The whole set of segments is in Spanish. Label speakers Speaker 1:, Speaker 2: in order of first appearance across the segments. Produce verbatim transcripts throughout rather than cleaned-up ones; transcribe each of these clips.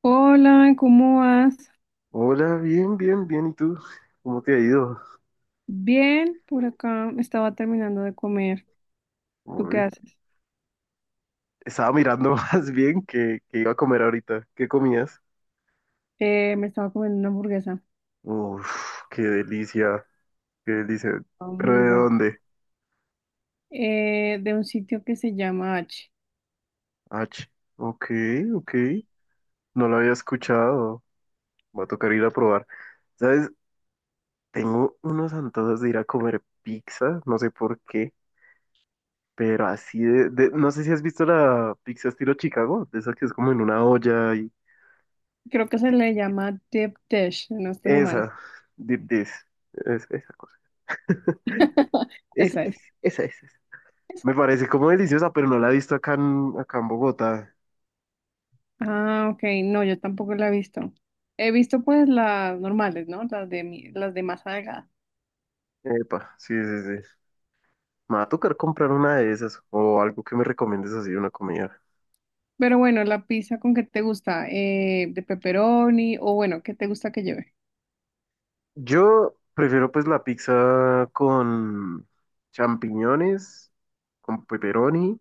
Speaker 1: Hola, ¿cómo vas?
Speaker 2: Hola, bien, bien, bien. ¿Y tú? ¿Cómo te ha ido?
Speaker 1: Bien, por acá estaba terminando de comer. ¿Tú qué
Speaker 2: Uy,
Speaker 1: haces?
Speaker 2: estaba mirando más bien que, que iba a comer ahorita. ¿Qué comías?
Speaker 1: Eh, me estaba comiendo una hamburguesa,
Speaker 2: Uf, qué delicia, qué delicia.
Speaker 1: estaba
Speaker 2: ¿Pero
Speaker 1: muy
Speaker 2: de
Speaker 1: buena,
Speaker 2: dónde?
Speaker 1: eh, de un sitio que se llama H.
Speaker 2: H. Ok, ok. No lo había escuchado. Va a tocar ir a probar. ¿Sabes? Tengo unos antojos de ir a comer pizza, no sé por qué, pero así de, de- no sé si has visto la pizza estilo Chicago, de esa que es como en una olla y...
Speaker 1: Creo que se le llama Deep Dish, no estoy mal.
Speaker 2: Esa, de, de- es- esa. Esa
Speaker 1: Esa es.
Speaker 2: es, esa es, esa.
Speaker 1: ¿Es?
Speaker 2: Me parece como deliciosa, pero no la he visto acá en, acá en Bogotá.
Speaker 1: Ah, ok, no, yo tampoco la he visto. He visto pues las normales, ¿no? Las de, mi- las de masa delgada.
Speaker 2: Epa, sí, sí, sí. Me va a tocar comprar una de esas o algo que me recomiendes así, una comida.
Speaker 1: Pero bueno, la pizza con qué te gusta, Eh, de pepperoni o bueno, ¿qué te gusta que lleve?
Speaker 2: Yo prefiero pues la pizza con champiñones, con pepperoni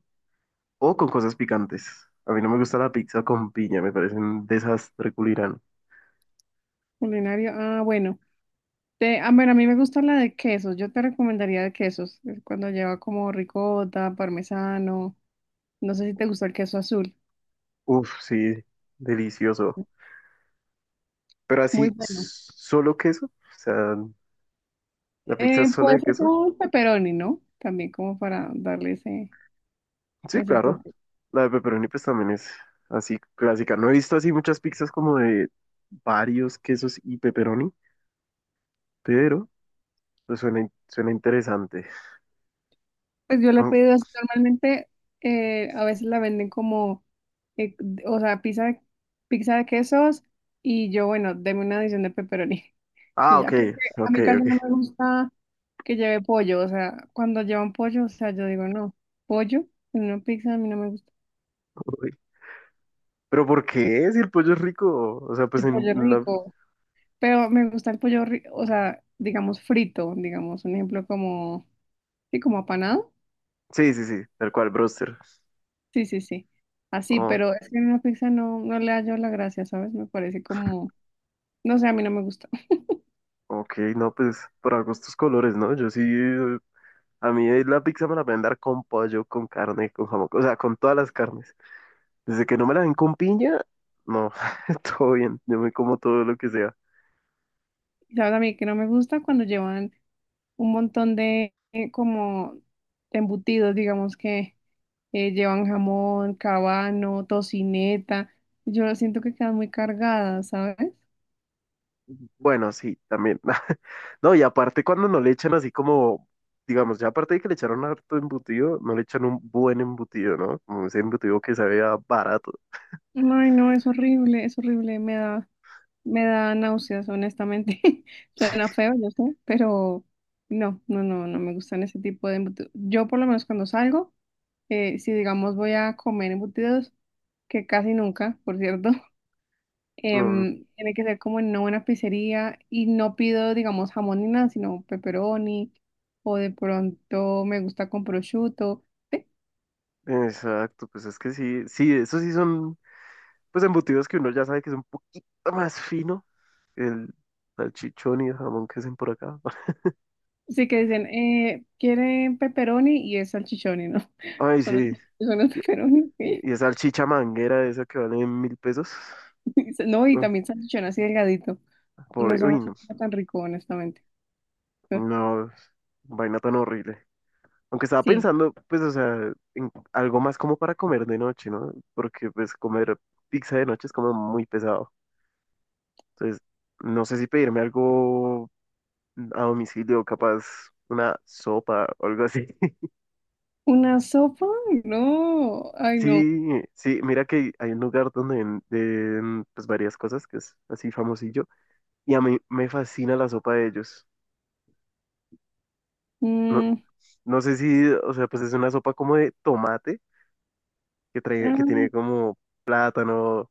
Speaker 2: o con cosas picantes. A mí no me gusta la pizza con piña, me parece un desastre culirán.
Speaker 1: Culinario. Ah, bueno. Te- ah, bueno, a mí me gusta la de quesos. Yo te recomendaría de quesos. eh, Cuando lleva como ricota, parmesano. No sé si te gusta el queso azul.
Speaker 2: Uf, sí, delicioso. Pero
Speaker 1: Muy
Speaker 2: así,
Speaker 1: bueno.
Speaker 2: s- solo queso, o sea, la pizza
Speaker 1: Eh,
Speaker 2: sola
Speaker 1: puede
Speaker 2: de
Speaker 1: ser
Speaker 2: queso.
Speaker 1: como un pepperoni, ¿no? También como para darle ese,
Speaker 2: Sí,
Speaker 1: como ese
Speaker 2: claro.
Speaker 1: toque.
Speaker 2: La de pepperoni pues también es así clásica. No he visto así muchas pizzas como de varios quesos y pepperoni, pero pues suena, in- suena interesante.
Speaker 1: Pues yo le he
Speaker 2: Mm.
Speaker 1: pedido así. Normalmente eh, a veces la venden como, eh, o sea, pizza de, pizza de quesos y yo, bueno, deme una adición de pepperoni.
Speaker 2: Ah,
Speaker 1: Y
Speaker 2: ok,
Speaker 1: ya, porque a
Speaker 2: ok,
Speaker 1: mí casi no
Speaker 2: ok.
Speaker 1: me gusta que lleve pollo, o sea, cuando llevan pollo, o sea, yo digo, no, pollo en una pizza a mí no me gusta.
Speaker 2: Uy, pero ¿por qué? Si el pollo es rico. O sea, pues
Speaker 1: El
Speaker 2: en
Speaker 1: pollo
Speaker 2: una...
Speaker 1: rico, pero me gusta el pollo, ri- o sea, digamos frito, digamos, un ejemplo como, sí, como apanado.
Speaker 2: Sí, sí, sí, tal cual, broster.
Speaker 1: Sí, sí, sí. Así,
Speaker 2: Oh,
Speaker 1: pero es que en una pizza no, no le hallo la gracia, ¿sabes? Me parece como, no sé, a mí no me gusta.
Speaker 2: ok, no, pues para gustos colores, ¿no? Yo sí, eh, a mí la pizza me la pueden dar con pollo, con carne, con jamón, o sea, con todas las carnes. Desde que no me la den con piña, no, todo bien, yo me como todo lo que sea.
Speaker 1: ¿Sabes? A mí que no me gusta cuando llevan un montón de, eh, como, embutidos, digamos que. Eh, llevan jamón, cabano, tocineta. Yo siento que quedan muy cargadas, ¿sabes?
Speaker 2: Bueno, sí, también. No, y aparte cuando no le echan así como, digamos, ya aparte de que le echaron harto embutido, no le echan un buen embutido, ¿no? Como ese embutido que sabía barato.
Speaker 1: Ay, no, es horrible, es horrible, me da, me da náuseas, honestamente. Suena feo, yo sé, pero no, no, no, no me gustan ese tipo de embutidos. Yo por lo menos cuando salgo, eh, si digamos voy a comer embutidos, que casi nunca, por cierto,
Speaker 2: No,
Speaker 1: Em, tiene que ser como en una buena pizzería y no pido, digamos, jamón ni nada, sino pepperoni o de pronto me gusta con prosciutto.
Speaker 2: exacto, pues es que sí, sí, esos sí son, pues embutidos que uno ya sabe que es un poquito más fino que el salchichón y el jamón que hacen por acá.
Speaker 1: Así que dicen, eh, ¿quieren pepperoni? Y es salchichoni, ¿no?
Speaker 2: Ay,
Speaker 1: Son los,
Speaker 2: sí,
Speaker 1: son los
Speaker 2: y,
Speaker 1: pepperoni, ¿sí?
Speaker 2: y esa salchicha manguera esa que vale mil pesos.
Speaker 1: No, y también salchichón así delgadito. Y no
Speaker 2: Pobre-
Speaker 1: sabe
Speaker 2: uy,
Speaker 1: así
Speaker 2: no,
Speaker 1: como tan rico, honestamente.
Speaker 2: no, vaina tan horrible. Aunque estaba
Speaker 1: Sí.
Speaker 2: pensando, pues, o sea, en algo más como para comer de noche, ¿no? Porque, pues, comer pizza de noche es como muy pesado. Entonces, no sé si pedirme algo a domicilio, capaz una sopa o algo así.
Speaker 1: ¿Una sopa? No. Ay, no.
Speaker 2: Sí, sí, mira que hay un lugar donde venden, pues, varias cosas que es así famosillo. Y a mí me fascina la sopa de ellos. No,
Speaker 1: Mm,
Speaker 2: no sé si, o sea, pues es una sopa como de tomate que trae, que
Speaker 1: ah,
Speaker 2: tiene como plátano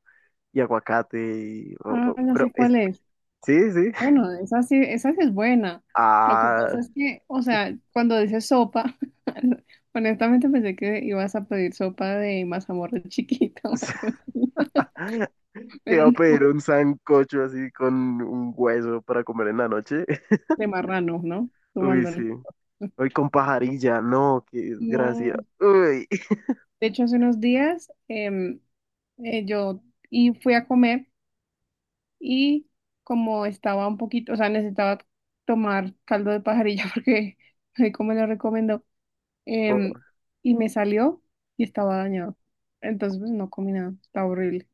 Speaker 2: y aguacate y, o-
Speaker 1: ah,
Speaker 2: o-
Speaker 1: ya
Speaker 2: pero
Speaker 1: sé
Speaker 2: es,
Speaker 1: cuál es.
Speaker 2: sí, sí.
Speaker 1: Bueno, esa sí, esa sí es buena. Lo que
Speaker 2: Ah,
Speaker 1: pasa es que, o sea, cuando dices sopa, honestamente pensé que ibas a pedir sopa de mazamorra chiquita o algo así,
Speaker 2: que
Speaker 1: pero
Speaker 2: va a pedir
Speaker 1: no,
Speaker 2: un sancocho así con un hueso para comer en la noche.
Speaker 1: de marrano, ¿no?
Speaker 2: Uy, sí.
Speaker 1: Sumándole.
Speaker 2: Hoy con pajarilla, no, qué desgracia.
Speaker 1: No,
Speaker 2: Uy,
Speaker 1: de hecho hace unos días em, eh, yo y fui a comer y como estaba un poquito, o sea, necesitaba tomar caldo de pajarilla porque ahí como lo recomendó,
Speaker 2: oh,
Speaker 1: Em, y me salió y estaba dañado. Entonces, pues no comí nada. Está horrible.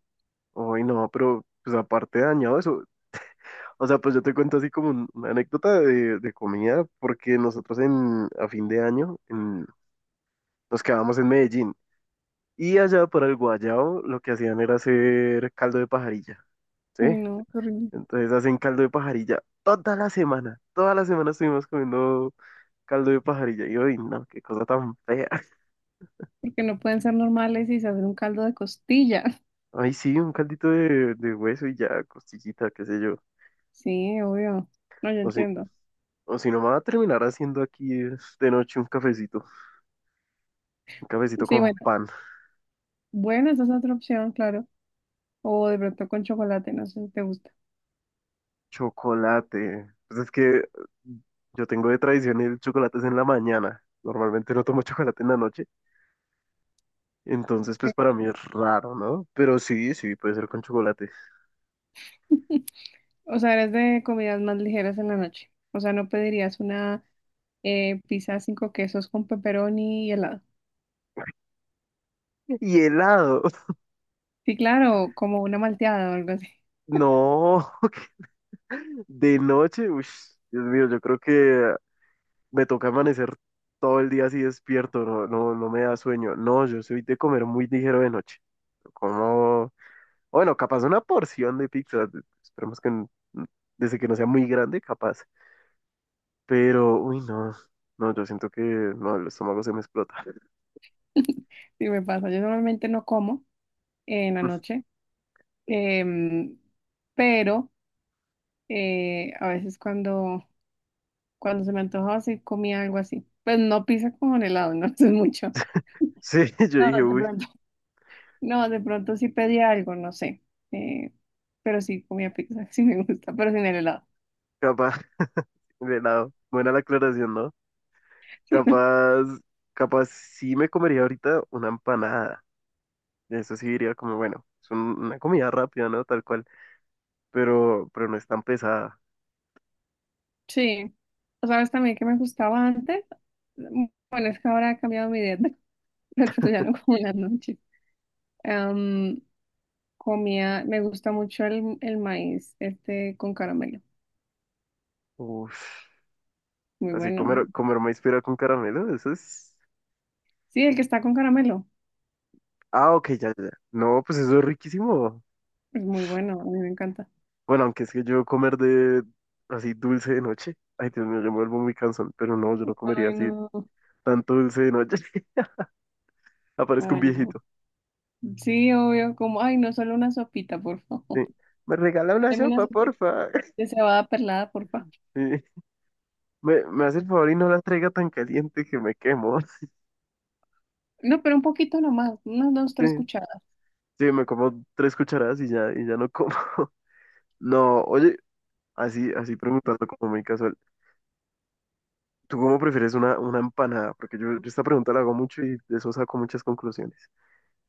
Speaker 2: uy, no, pero pues aparte de dañado eso. O sea, pues yo te cuento así como un- una anécdota de, de comida, porque nosotros en, a fin de año en- nos quedamos en Medellín. Y allá para el guayao lo que hacían era hacer caldo de pajarilla, ¿sí?
Speaker 1: Uy, no, qué horrible.
Speaker 2: Entonces hacen caldo de pajarilla toda la semana. Toda la semana estuvimos comiendo caldo de pajarilla. Y hoy, no, qué cosa tan fea.
Speaker 1: Porque no pueden ser normales y se hacen un caldo de costillas.
Speaker 2: Ay, sí, un caldito de, de hueso y ya, costillita, qué sé yo.
Speaker 1: Sí, obvio. No, yo
Speaker 2: O si,
Speaker 1: entiendo.
Speaker 2: o si no me va a terminar haciendo aquí eh, de noche un cafecito. Un cafecito
Speaker 1: Sí,
Speaker 2: con
Speaker 1: bueno.
Speaker 2: pan,
Speaker 1: Bueno, esa es otra opción, claro. O de pronto con chocolate, no sé si te gusta.
Speaker 2: chocolate. Pues es que yo tengo de tradición el chocolate es en la mañana. Normalmente no tomo chocolate en la noche. Entonces,
Speaker 1: Sí.
Speaker 2: pues para mí es raro, ¿no? Pero sí, sí, puede ser con chocolate.
Speaker 1: O sea, eres de comidas más ligeras en la noche. O sea, no pedirías una eh, pizza cinco quesos con pepperoni y helado.
Speaker 2: Y helado.
Speaker 1: Sí, claro, como una malteada o algo así.
Speaker 2: No, de noche, uy, Dios mío, yo creo que me toca amanecer todo el día así despierto, no, no, no me da sueño. No, yo soy de comer muy ligero de noche. Como, bueno, capaz una porción de pizza, de- esperemos que n- desde que no sea muy grande, capaz. Pero, uy, no, no, yo siento que no, el estómago se me explota.
Speaker 1: Sí me pasa. Yo normalmente no como en la noche, em, pero eh, a veces cuando, cuando se me antojaba sí comía algo así. Pues no pizza con helado, no. Eso es mucho.
Speaker 2: Sí, yo
Speaker 1: No,
Speaker 2: dije,
Speaker 1: de
Speaker 2: uy,
Speaker 1: pronto. No, de pronto sí pedía algo, no sé. eh, pero sí comía pizza, sí me gusta, pero sin el helado.
Speaker 2: capaz. Buena, buena la aclaración, ¿no? Capaz, capaz sí me comería ahorita una empanada. Eso sí diría como, bueno, es un- una comida rápida, ¿no? Tal cual, pero, pero no es tan pesada.
Speaker 1: Sí, o sabes también que me gustaba antes. Mm, Bueno, es que ahora he cambiado mi dieta, pero ya no como en las noches. Em, Comía, me gusta mucho el, el maíz, este con caramelo.
Speaker 2: Uf,
Speaker 1: Muy
Speaker 2: así
Speaker 1: bueno.
Speaker 2: comer, comer maíz pira con caramelo, eso es...
Speaker 1: Sí, el que está con caramelo.
Speaker 2: Ah, ok, ya, ya, ya. No, pues eso es riquísimo.
Speaker 1: Es muy bueno, a mí me encanta.
Speaker 2: Bueno, aunque es que yo comer de así dulce de noche. Ay, Dios mío, yo me vuelvo muy cansón, pero no, yo no comería
Speaker 1: Ay,
Speaker 2: así
Speaker 1: no.
Speaker 2: tanto dulce de noche. Aparezco un
Speaker 1: Ay, no.
Speaker 2: viejito.
Speaker 1: Sí, obvio, como, ay, no, solo una sopita, por favor.
Speaker 2: Sí. ¿Me regala una
Speaker 1: Deme una
Speaker 2: sopa,
Speaker 1: sopita
Speaker 2: porfa?
Speaker 1: de cebada perlada, por favor.
Speaker 2: Sí. Me, me hace el favor y no la traiga tan caliente que me quemo.
Speaker 1: No, pero un poquito nomás, unas dos, tres
Speaker 2: Sí,
Speaker 1: cucharadas.
Speaker 2: sí, me como tres cucharadas y ya, y ya no como. No, oye, así, así preguntando como muy casual. ¿Tú cómo prefieres una, una empanada? Porque yo, yo esta pregunta la hago mucho y de eso saco muchas conclusiones.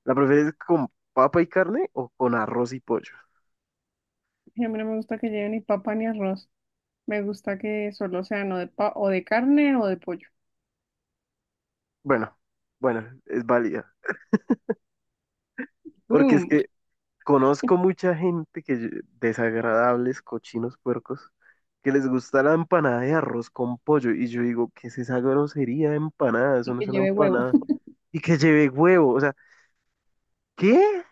Speaker 2: ¿La prefieres con papa y carne o con arroz y pollo?
Speaker 1: Y a mí no me gusta que lleve ni papa ni arroz. Me gusta que solo sea no de pa o de carne o de pollo.
Speaker 2: Bueno, bueno, es válida. Porque es
Speaker 1: ¡Boom!
Speaker 2: que conozco mucha gente que ll- desagradables, cochinos, puercos, que les gusta la empanada de arroz con pollo. Y yo digo, ¿qué es esa grosería de empanada? Eso
Speaker 1: Y
Speaker 2: no
Speaker 1: que
Speaker 2: es una
Speaker 1: lleve huevo.
Speaker 2: empanada. Y que lleve huevo. O sea, ¿qué?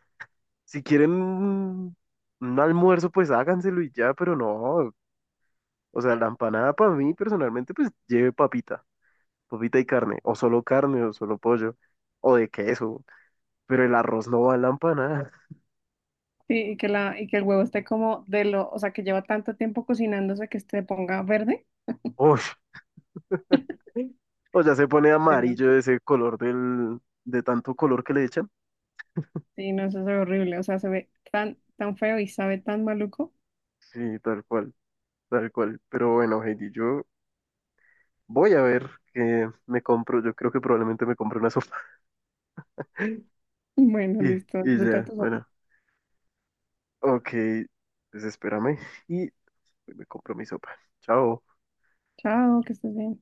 Speaker 2: Si quieren un un almuerzo, pues háganselo y ya, pero no. O sea, la empanada para mí personalmente, pues lleve papita, papita y carne, o solo carne, o solo pollo, o de queso. Pero el arroz no va en la empanada.
Speaker 1: Sí, y que la, y que el huevo esté como de lo, o sea, que lleva tanto tiempo cocinándose que se ponga verde.
Speaker 2: Uy. O sea, se pone
Speaker 1: Pero,
Speaker 2: amarillo ese color del, de tanto color que le echan.
Speaker 1: sí, no, eso es horrible. O sea, se ve tan, tan feo y sabe tan maluco.
Speaker 2: Sí, tal cual, tal cual. Pero bueno, Heidi, yo voy a ver qué me compro. Yo creo que probablemente me compre una sopa.
Speaker 1: Bueno,
Speaker 2: Y,
Speaker 1: listo.
Speaker 2: y
Speaker 1: Disfruta
Speaker 2: ya,
Speaker 1: tu sopa.
Speaker 2: bueno. Ok, pues espérame y me compro mi sopa. Chao.
Speaker 1: Chao, que estés bien.